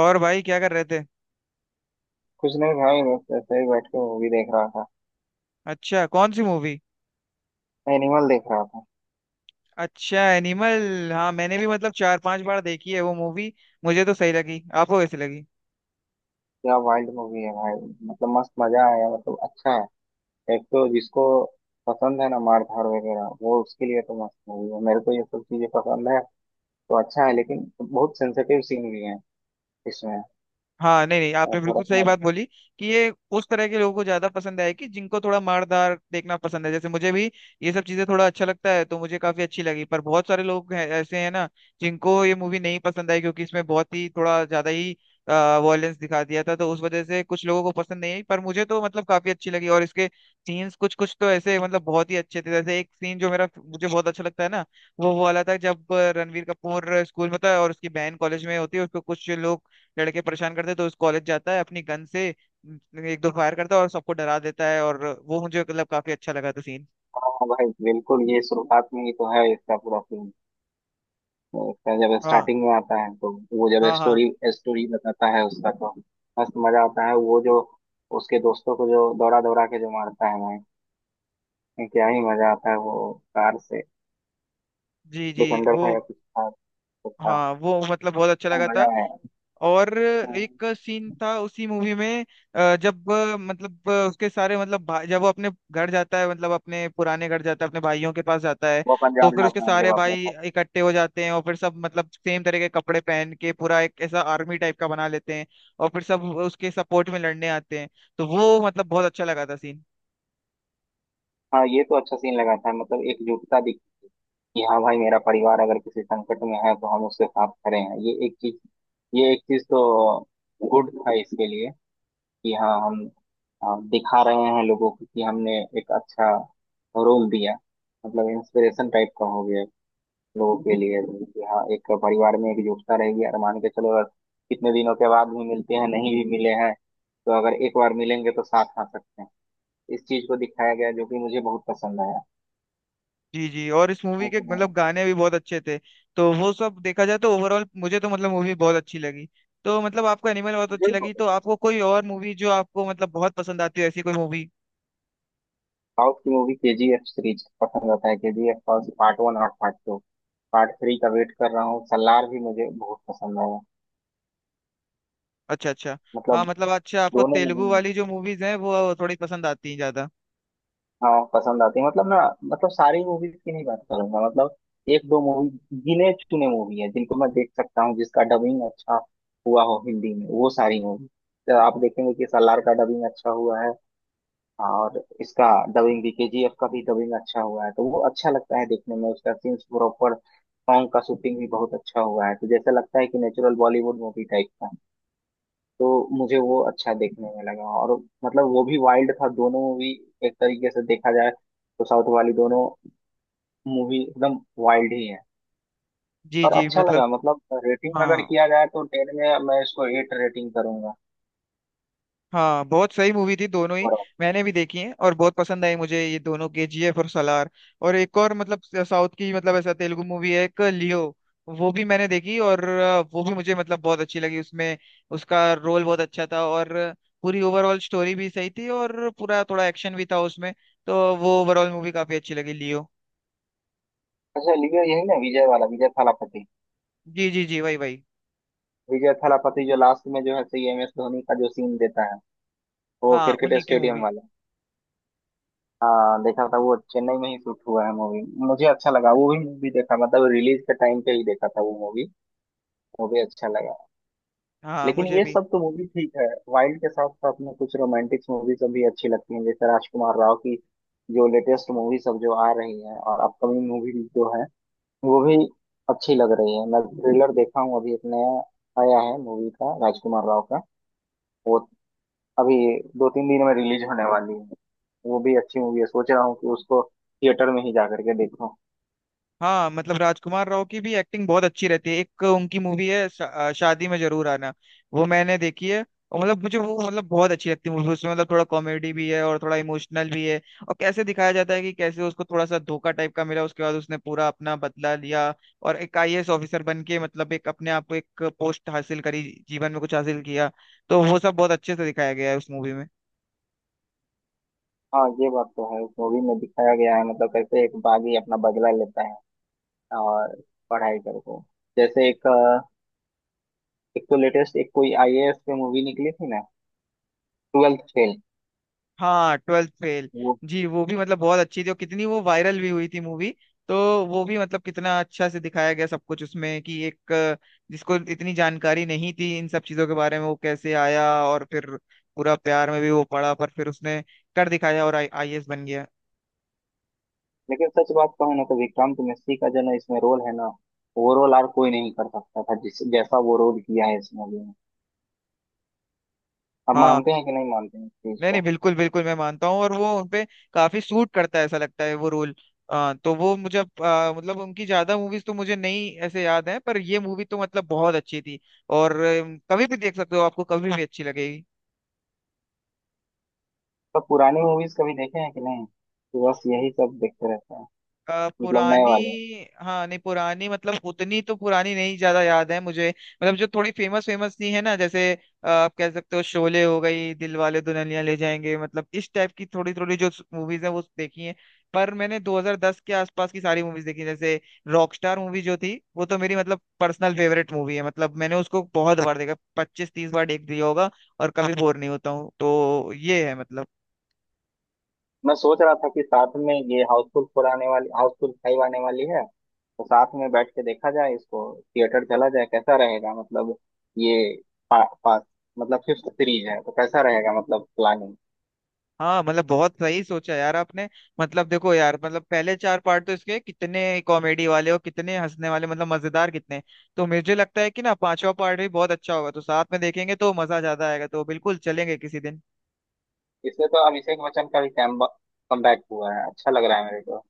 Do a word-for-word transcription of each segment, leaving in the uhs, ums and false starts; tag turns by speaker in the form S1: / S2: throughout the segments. S1: और भाई क्या कर रहे थे।
S2: कुछ नहीं भाई, बस ऐसे ही बैठ के मूवी देख रहा था।
S1: अच्छा, कौन सी मूवी।
S2: एनिमल देख रहा था।
S1: अच्छा, एनिमल। हाँ मैंने भी मतलब चार पांच बार देखी है वो मूवी। मुझे तो सही लगी, आपको कैसी लगी।
S2: क्या वाइल्ड मूवी है भाई! मतलब मस्त मजा आया, मतलब अच्छा है। एक तो जिसको पसंद है ना मार धाड़ वगैरह, वो उसके लिए तो मस्त मूवी है। मेरे को ये सब चीजें पसंद है तो अच्छा है, लेकिन बहुत सेंसिटिव सीन भी है इसमें।
S1: हाँ, नहीं नहीं
S2: और
S1: आपने
S2: थोड़ा
S1: बिल्कुल सही
S2: सा।
S1: बात बोली कि ये उस तरह के लोगों को ज्यादा पसंद है कि जिनको थोड़ा मारदार देखना पसंद है, जैसे मुझे भी ये सब चीजें थोड़ा अच्छा लगता है तो मुझे काफी अच्छी लगी। पर बहुत सारे लोग हैं, ऐसे हैं ना, जिनको ये मूवी नहीं पसंद आई क्योंकि इसमें बहुत ही थोड़ा ज्यादा ही वॉयलेंस दिखा दिया था, तो उस वजह से कुछ लोगों को पसंद नहीं आई। पर मुझे तो मतलब काफी अच्छी लगी और इसके सीन्स कुछ कुछ तो ऐसे मतलब बहुत ही अच्छे थे। जैसे एक सीन जो मेरा मुझे बहुत अच्छा लगता है ना, वो वो वाला था जब रणवीर कपूर स्कूल में था और उसकी बहन कॉलेज में होती है, उसको कुछ लोग लड़के परेशान करते, तो उस कॉलेज जाता है अपनी गन से एक दो फायर करता है और सबको डरा देता है। और वो मुझे मतलब काफी अच्छा लगा था सीन।
S2: हाँ भाई बिल्कुल, ये शुरुआत में ही तो है इसका पूरा। उसका जब
S1: हाँ
S2: स्टार्टिंग में आता है, तो वो जब
S1: हाँ हाँ।
S2: स्टोरी स्टोरी बताता है उसका, तो मस्त मजा आता है। वो जो उसके दोस्तों को जो दौड़ा दौड़ा के जो मारता है भाई, क्या ही मजा आता है! वो कार से,
S1: जी जी।
S2: डिफेंडर
S1: वो
S2: था या कुछ था, कुछ था।
S1: हाँ, वो मतलब बहुत अच्छा
S2: तो
S1: लगा
S2: मजा
S1: था।
S2: आया।
S1: और
S2: हाँ,
S1: एक सीन था उसी मूवी में। अ, जब अ, मतलब अ, उसके सारे मतलब भा- जब वो अपने घर जाता है, मतलब अपने पुराने घर जाता है, अपने भाइयों के पास जाता है,
S2: वो
S1: तो
S2: पंजाब
S1: फिर उसके
S2: जाता है
S1: सारे
S2: जब अपने
S1: भाई
S2: घर।
S1: इकट्ठे हो जाते हैं और फिर सब मतलब सेम तरह के कपड़े पहन के पूरा एक ऐसा आर्मी टाइप का बना लेते हैं और फिर सब उसके सपोर्ट में लड़ने आते हैं। तो वो मतलब बहुत अच्छा लगा था सीन।
S2: हाँ ये तो अच्छा सीन लगा था, मतलब एकजुटता दिखी कि हाँ भाई, मेरा परिवार अगर किसी संकट में है तो हम उसके साथ खड़े हैं। ये एक चीज, ये एक चीज तो गुड था इसके लिए। कि हाँ हम अ, दिखा रहे हैं लोगों को कि हमने एक अच्छा रोल दिया, मतलब इंस्पिरेशन टाइप का हो गया लोगों के लिए। कि हाँ एक परिवार में एकजुटता रहेगी, और मान के चलो, अगर कितने दिनों के बाद भी मिलते हैं, नहीं भी मिले हैं, तो अगर एक बार मिलेंगे तो साथ आ सकते हैं। इस चीज को दिखाया गया जो कि मुझे बहुत पसंद आया।
S1: जी जी। और इस मूवी
S2: है
S1: के
S2: कि नहीं।
S1: मतलब गाने भी बहुत अच्छे थे। तो वो सब देखा जाए तो ओवरऑल मुझे तो मतलब मूवी बहुत अच्छी लगी। तो मतलब आपको एनिमल बहुत
S2: मुझे
S1: अच्छी
S2: भी
S1: लगी,
S2: बहुत
S1: तो
S2: पसंद
S1: आपको कोई और मूवी जो आपको मतलब बहुत पसंद आती है, ऐसी कोई मूवी।
S2: साउथ की movie. K G F series पसंद आता है, K G F part one और पार्ट टू। पार्ट थ्री का वेट कर रहा हूँ। सलार भी मुझे बहुत पसंद आया,
S1: अच्छा अच्छा। हाँ
S2: मतलब
S1: मतलब अच्छा, आपको
S2: दोनों
S1: तेलुगु
S2: मूवी।
S1: वाली जो मूवीज हैं वो थोड़ी पसंद आती हैं ज्यादा।
S2: हाँ पसंद आती है, मतलब ना, मतलब सारी मूवीज की नहीं बात करूंगा, मतलब एक दो मूवी, गिने चुने मूवी है जिनको मैं देख सकता हूँ, जिसका डबिंग अच्छा हुआ हो हिंदी में। वो सारी मूवी, तो आप देखेंगे कि सलार का डबिंग अच्छा हुआ है, और इसका डबिंग भी, केजीएफ का भी डबिंग अच्छा हुआ है, तो वो अच्छा लगता है देखने में, उसका सीन्स प्रॉपर, सॉन्ग का शूटिंग भी बहुत अच्छा हुआ है। तो जैसा लगता है कि नेचुरल बॉलीवुड मूवी टाइप का। तो मुझे वो अच्छा देखने में लगा, और मतलब वो भी वाइल्ड था दोनों मूवी, एक तरीके से देखा जाए तो साउथ वाली दोनों मूवी एकदम वाइल्ड ही है।
S1: जी
S2: और
S1: जी
S2: अच्छा
S1: मतलब।
S2: लगा, मतलब रेटिंग अगर
S1: हाँ
S2: किया जाए तो टेन में मैं इसको एट रेटिंग करूंगा।
S1: हाँ, बहुत सही मूवी थी दोनों ही।
S2: बराबर।
S1: मैंने भी देखी है और बहुत पसंद आई मुझे ये दोनों, केजीएफ और सलार। और एक और मतलब साउथ की, मतलब ऐसा तेलुगु मूवी है एक, लियो। वो भी मैंने देखी और अ, वो भी मुझे मतलब बहुत अच्छी लगी। उसमें उसका रोल बहुत अच्छा था और पूरी ओवरऑल स्टोरी भी सही थी और पूरा थोड़ा एक्शन भी था उसमें। तो वो ओवरऑल मूवी काफी अच्छी लगी, लियो।
S2: अच्छा, लिया यही ना, विजय वाला, विजय थालापति।
S1: जी जी जी, वही वही।
S2: विजय थालापति जो लास्ट में जो है सही, एम एस धोनी का जो सीन देता है, वो
S1: हाँ
S2: क्रिकेट
S1: उन्हीं की
S2: स्टेडियम
S1: मूवी।
S2: वाला। हाँ देखा था, वो चेन्नई में ही शूट हुआ है मूवी। मुझे अच्छा लगा, वो भी मूवी देखा, मतलब रिलीज के टाइम पे ही देखा था वो मूवी। वो भी अच्छा लगा।
S1: हाँ
S2: लेकिन
S1: मुझे
S2: ये
S1: भी।
S2: सब तो मूवी ठीक है, वाइल्ड के साथ साथ में कुछ रोमांटिक्स मूवीज भी अच्छी लगती हैं, जैसे राजकुमार राव की जो लेटेस्ट मूवी सब जो आ रही है और अपकमिंग मूवी जो है, वो भी अच्छी लग रही है। मैं ट्रेलर देखा हूँ अभी, एक नया आया है मूवी का, राजकुमार राव का। वो अभी दो तीन दिन में रिलीज होने वाली है। वो भी अच्छी मूवी है, सोच रहा हूँ कि उसको थिएटर में ही जा करके देखूँ।
S1: हाँ मतलब राजकुमार राव की भी एक्टिंग बहुत अच्छी रहती है। एक उनकी मूवी है शा, अ, शादी में जरूर आना, वो मैंने देखी है। और मतलब मुझे वो मतलब बहुत अच्छी लगती है मूवी। उसमें मतलब थोड़ा कॉमेडी भी है और थोड़ा इमोशनल भी है और कैसे दिखाया जाता है कि कैसे उसको थोड़ा सा धोखा टाइप का मिला, उसके बाद उसने पूरा अपना बदला लिया और एक आईएएस ऑफिसर बन के मतलब एक अपने आप को एक पोस्ट हासिल करी, जीवन में कुछ हासिल किया। तो वो सब बहुत अच्छे से दिखाया गया है उस मूवी में।
S2: हाँ ये बात तो है, उस मूवी में दिखाया गया है, मतलब कैसे एक बागी अपना बदला लेता है और पढ़ाई करके, जैसे एक, एक तो लेटेस्ट एक कोई आईएएस पे मूवी निकली थी ना, ट्वेल्थ फेल,
S1: हाँ, ट्वेल्थ फेल।
S2: वो।
S1: जी वो भी मतलब बहुत अच्छी थी और कितनी वो वायरल भी हुई थी मूवी। तो वो भी मतलब कितना अच्छा से दिखाया गया सब कुछ उसमें कि एक अ, जिसको इतनी जानकारी नहीं थी इन सब चीजों के बारे में, वो कैसे आया और फिर पूरा प्यार में भी वो पड़ा, पर फिर उसने कर दिखाया और आई आईएएस बन गया।
S2: लेकिन सच बात कहूं ना, तो विक्रांत मिश्री का जो ना इसमें रोल है ना, वो रोल और कोई नहीं कर सकता था जिस जैसा वो रोल किया है इस मूवी में। अब
S1: हाँ,
S2: मानते हैं कि नहीं मानते हैं इस चीज
S1: नहीं नहीं
S2: को।
S1: बिल्कुल बिल्कुल, मैं मानता हूँ। और वो उनपे काफी सूट करता है, ऐसा लगता है वो रोल। आ, तो वो मुझे अब, अ, मतलब उनकी ज्यादा मूवीज तो मुझे नहीं ऐसे याद है, पर ये मूवी तो मतलब बहुत अच्छी थी। और अ, कभी भी देख सकते हो, आपको कभी भी अच्छी लगेगी।
S2: तो पुरानी मूवीज कभी देखे हैं कि नहीं, तो बस यही सब देखते रहते हैं,
S1: अ,
S2: मतलब नए
S1: पुरानी।
S2: वाले।
S1: हाँ, नहीं पुरानी मतलब उतनी तो पुरानी नहीं ज्यादा याद है मुझे, मतलब जो थोड़ी फेमस फेमस सी है ना, जैसे अ, आप कह सकते हो शोले हो गई, दिलवाले दुल्हनिया ले जाएंगे, मतलब इस टाइप की थोड़ी थोड़ी जो मूवीज है वो देखी है। पर मैंने दो हज़ार दस के आसपास की सारी मूवीज देखी, जैसे रॉकस्टार मूवी जो थी, वो तो मेरी मतलब पर्सनल फेवरेट मूवी है। मतलब मैंने उसको बहुत बार देखा, पच्चीस तीस बार देख दिया होगा और कभी बोर नहीं होता हूँ। तो ये है मतलब।
S2: मैं सोच रहा था कि साथ में ये हाउसफुल फोर आने वाली, हाउसफुल फाइव आने वाली है, तो साथ में बैठ के देखा जाए इसको, थिएटर चला जाए, कैसा रहेगा? मतलब ये पा, पा, मतलब फिफ्थ सीरीज है तो कैसा रहेगा, मतलब प्लानिंग।
S1: हाँ मतलब बहुत सही सोचा यार आपने। मतलब देखो यार, मतलब पहले चार पार्ट तो इसके कितने कॉमेडी वाले और कितने हंसने वाले, मतलब मजेदार कितने। तो मुझे लगता है कि ना पांचवा पार्ट भी बहुत अच्छा होगा, तो साथ में देखेंगे तो मजा ज्यादा आएगा। तो बिल्कुल चलेंगे किसी दिन।
S2: इसमें तो अभिषेक बच्चन का भी कैम कमबैक हुआ है, अच्छा लग रहा है मेरे को।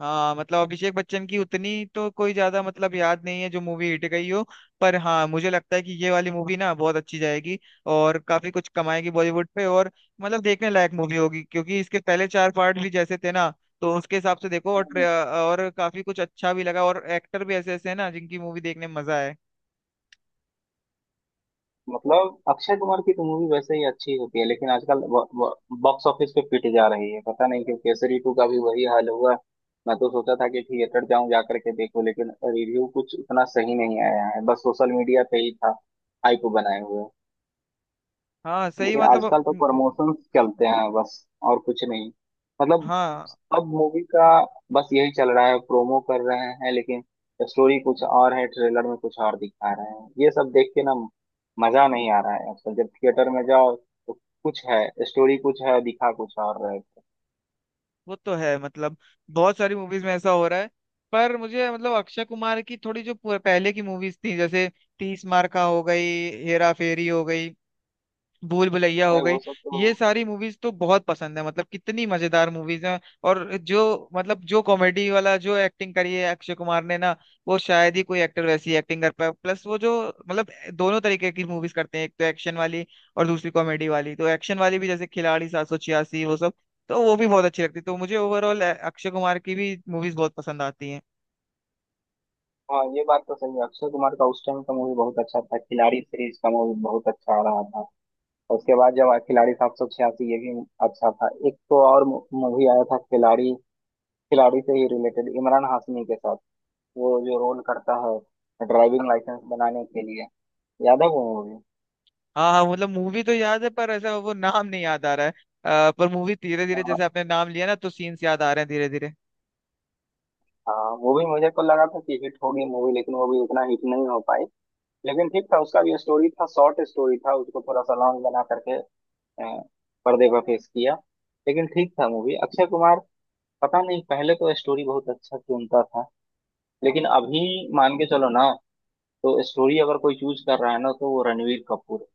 S1: हाँ मतलब अभिषेक बच्चन की उतनी तो कोई ज्यादा मतलब याद नहीं है जो मूवी हिट गई हो, पर हाँ मुझे लगता है कि ये वाली मूवी ना बहुत अच्छी जाएगी और काफी कुछ कमाएगी बॉलीवुड पे। और मतलब देखने लायक मूवी होगी क्योंकि इसके पहले चार पार्ट भी जैसे थे ना, तो उसके हिसाब से देखो। और ट्रे-
S2: हम्म।
S1: और काफी कुछ अच्छा भी लगा और एक्टर भी ऐसे ऐसे हैं ना जिनकी मूवी देखने में मजा आए।
S2: मतलब अक्षय कुमार की तो मूवी वैसे ही अच्छी होती है, लेकिन आजकल बॉक्स ऑफिस पे पिट जा रही है, पता नहीं क्यों। केसरी टू का भी वही हाल हुआ। मैं तो सोचा था कि थिएटर जाऊं, जा करके देखूं, लेकिन रिव्यू कुछ इतना सही नहीं आया है, बस सोशल मीडिया पे ही था हाइप बनाए हुए।
S1: हाँ सही
S2: लेकिन
S1: मतलब
S2: आजकल तो
S1: म- म-
S2: प्रमोशंस चलते हैं बस, और कुछ नहीं, मतलब
S1: हाँ
S2: सब मूवी का बस यही चल रहा है, प्रोमो कर रहे हैं, लेकिन स्टोरी कुछ और है, ट्रेलर में कुछ और दिखा रहे हैं। ये सब देख के ना मजा नहीं आ रहा है आजकल, जब थिएटर में जाओ तो कुछ है स्टोरी, कुछ है, दिखा कुछ और रहे थे।
S1: वो तो है मतलब। बहुत सारी मूवीज में ऐसा हो रहा है। पर मुझे मतलब अक्षय कुमार की थोड़ी जो पु- पहले की मूवीज थी, जैसे तीस मार का हो गई, हेरा फेरी हो गई, भूल भुलैया हो
S2: भाई
S1: गई,
S2: वो सब तो।
S1: ये सारी मूवीज तो बहुत पसंद है। मतलब कितनी मजेदार मूवीज हैं। और जो मतलब जो कॉमेडी वाला जो एक्टिंग करी है अक्षय कुमार ने ना, वो शायद ही कोई एक्टर वैसी एक्टिंग कर पाए। प्लस वो जो मतलब दोनों तरीके की मूवीज करते हैं, एक तो एक्शन वाली और दूसरी कॉमेडी वाली। तो एक्शन वाली भी जैसे खिलाड़ी सात सौ छियासी वो सब, तो वो भी बहुत अच्छी लगती है। तो मुझे ओवरऑल अक्षय कुमार की भी मूवीज बहुत पसंद आती हैं।
S2: हाँ ये बात तो सही है, अक्षय कुमार का उस टाइम का मूवी बहुत अच्छा था, खिलाड़ी सीरीज का मूवी बहुत अच्छा आ रहा था। उसके बाद जब आया खिलाड़ी सात सौ छियासी, ये भी अच्छा था। एक तो और मूवी आया था खिलाड़ी, खिलाड़ी से ही रिलेटेड, इमरान हाशमी के साथ। वो जो रोल करता है ड्राइविंग लाइसेंस बनाने के लिए, याद है वो मूवी?
S1: हाँ हाँ मतलब मूवी तो याद है पर ऐसा वो नाम नहीं याद आ रहा है। अ, पर मूवी धीरे धीरे
S2: हाँ।
S1: जैसे आपने नाम लिया ना तो सीन्स याद आ रहे हैं धीरे धीरे।
S2: हाँ, वो भी मुझे को लगा था कि हिट होगी मूवी, लेकिन वो भी उतना हिट नहीं हो पाई। लेकिन ठीक था, उसका भी स्टोरी था, शॉर्ट स्टोरी था, उसको थोड़ा सा लॉन्ग बना करके अ, पर्दे पर पेश किया। लेकिन ठीक था मूवी। अक्षय कुमार, पता नहीं, पहले तो स्टोरी बहुत अच्छा चुनता था लेकिन अभी। मान के चलो ना, तो स्टोरी अगर कोई चूज कर रहा है ना, तो वो रणवीर कपूर है।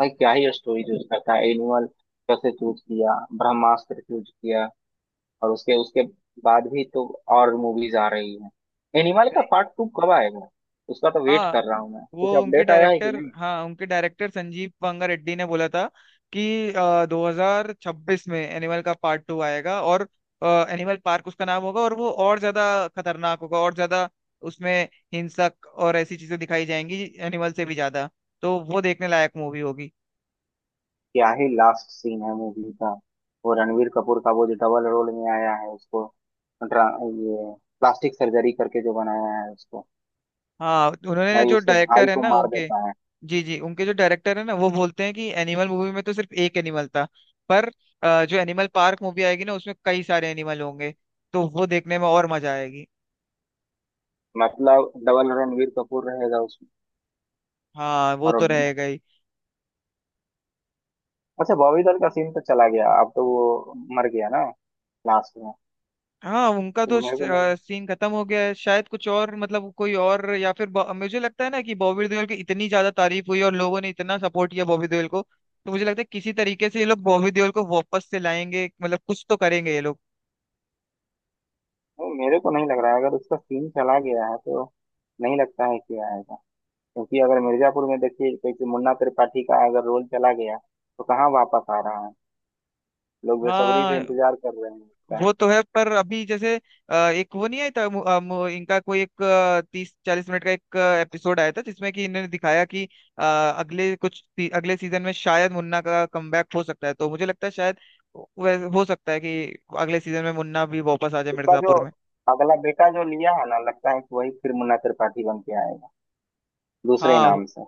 S2: भाई क्या ही स्टोरी चूज करता है! एनिमल कैसे चूज किया, ब्रह्मास्त्र चूज किया, और उसके उसके बाद भी तो और मूवीज आ रही हैं। एनिमल का
S1: नहीं।
S2: पार्ट टू कब आएगा? उसका तो वेट कर
S1: हाँ,
S2: रहा हूँ मैं। कुछ
S1: वो उनके
S2: अपडेट आया है कि
S1: डायरेक्टर,
S2: नहीं?
S1: हाँ उनके डायरेक्टर संजीव पंगा रेड्डी ने बोला था कि अ, दो हज़ार छब्बीस में एनिमल का पार्ट टू आएगा और एनिमल पार्क उसका नाम होगा। और वो और ज्यादा खतरनाक होगा और ज्यादा उसमें हिंसक और ऐसी चीजें दिखाई जाएंगी एनिमल से भी ज्यादा। तो वो देखने लायक मूवी होगी।
S2: क्या ही लास्ट सीन है मूवी का! वो रणवीर कपूर का वो जो डबल रोल में आया है उसको, ड्रा- ये प्लास्टिक सर्जरी करके जो बनाया है उसको,
S1: हाँ उन्होंने
S2: भाई
S1: जो
S2: उसके भाई
S1: डायरेक्टर है
S2: को
S1: ना
S2: मार
S1: उनके,
S2: देता है।
S1: जी जी उनके जो डायरेक्टर है ना वो बोलते हैं कि एनिमल मूवी में तो सिर्फ एक एनिमल था, पर अ, जो एनिमल पार्क मूवी आएगी ना उसमें कई सारे एनिमल होंगे। तो वो देखने में और मजा आएगी।
S2: मतलब डबल रणवीर कपूर रहेगा उसमें।
S1: हाँ वो
S2: और
S1: तो रहेगा ही।
S2: अच्छा, बॉबी दल का सीन तो चला गया, अब तो वो मर गया ना लास्ट में।
S1: हाँ उनका
S2: तो
S1: तो
S2: मेरे को नहीं।
S1: सीन खत्म हो गया है। शायद कुछ और मतलब कोई और या फिर ब- मुझे लगता है ना कि बॉबी देओल की इतनी ज्यादा तारीफ हुई और लोगों ने इतना सपोर्ट किया बॉबी देओल को, तो मुझे लगता है किसी तरीके से ये लोग बॉबी देओल को वापस से लाएंगे, मतलब कुछ तो करेंगे ये लोग।
S2: नहीं, मेरे को नहीं लग रहा है, अगर उसका सीन चला गया है तो नहीं लगता है कि आएगा। क्योंकि अगर मिर्जापुर में देखिए, कोई कोई मुन्ना त्रिपाठी का अगर रोल चला गया, तो कहाँ वापस आ रहा है? लोग बेसब्री से
S1: हाँ
S2: इंतजार कर रहे हैं उसका।
S1: वो तो है, पर अभी जैसे अ, एक वो नहीं आया था, मु- अ, मु- इनका कोई एक तीस चालीस मिनट का एक एपिसोड आया था जिसमें कि इन्होंने दिखाया कि अ, अगले कुछ सी- अगले सीजन में शायद मुन्ना का कमबैक हो सकता है। तो मुझे लगता है शायद वैसे हो सकता है कि अगले सीजन में मुन्ना भी वापस आ जाए
S2: उसका जो
S1: मिर्जापुर में।
S2: अगला बेटा जो लिया है ना, लगता है कि वही फिर मुन्ना त्रिपाठी बन के आएगा दूसरे
S1: हाँ हो-
S2: नाम से।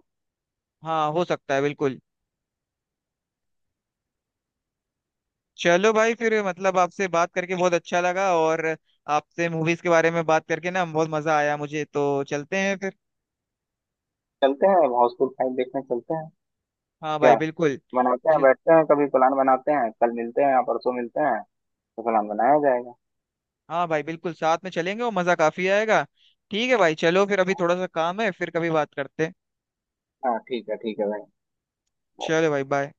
S1: हाँ हो सकता है बिल्कुल। चलो भाई, फिर मतलब आपसे बात करके बहुत अच्छा लगा और आपसे मूवीज के बारे में बात करके ना बहुत मजा आया मुझे। तो चलते हैं फिर।
S2: चलते हैं, हाउसफुल फाइव देखने चलते हैं।
S1: हाँ
S2: क्या
S1: भाई बिल्कुल।
S2: बनाते हैं, बैठते हैं, कभी प्लान बनाते हैं, कल मिलते हैं या परसों मिलते हैं, तो प्लान बनाया जाएगा।
S1: हाँ भाई बिल्कुल, साथ में चलेंगे और मजा काफी आएगा। ठीक है भाई, चलो फिर अभी थोड़ा सा काम है, फिर कभी बात करते हैं।
S2: हाँ ठीक है, ठीक है भाई।
S1: चलो भाई, बाय।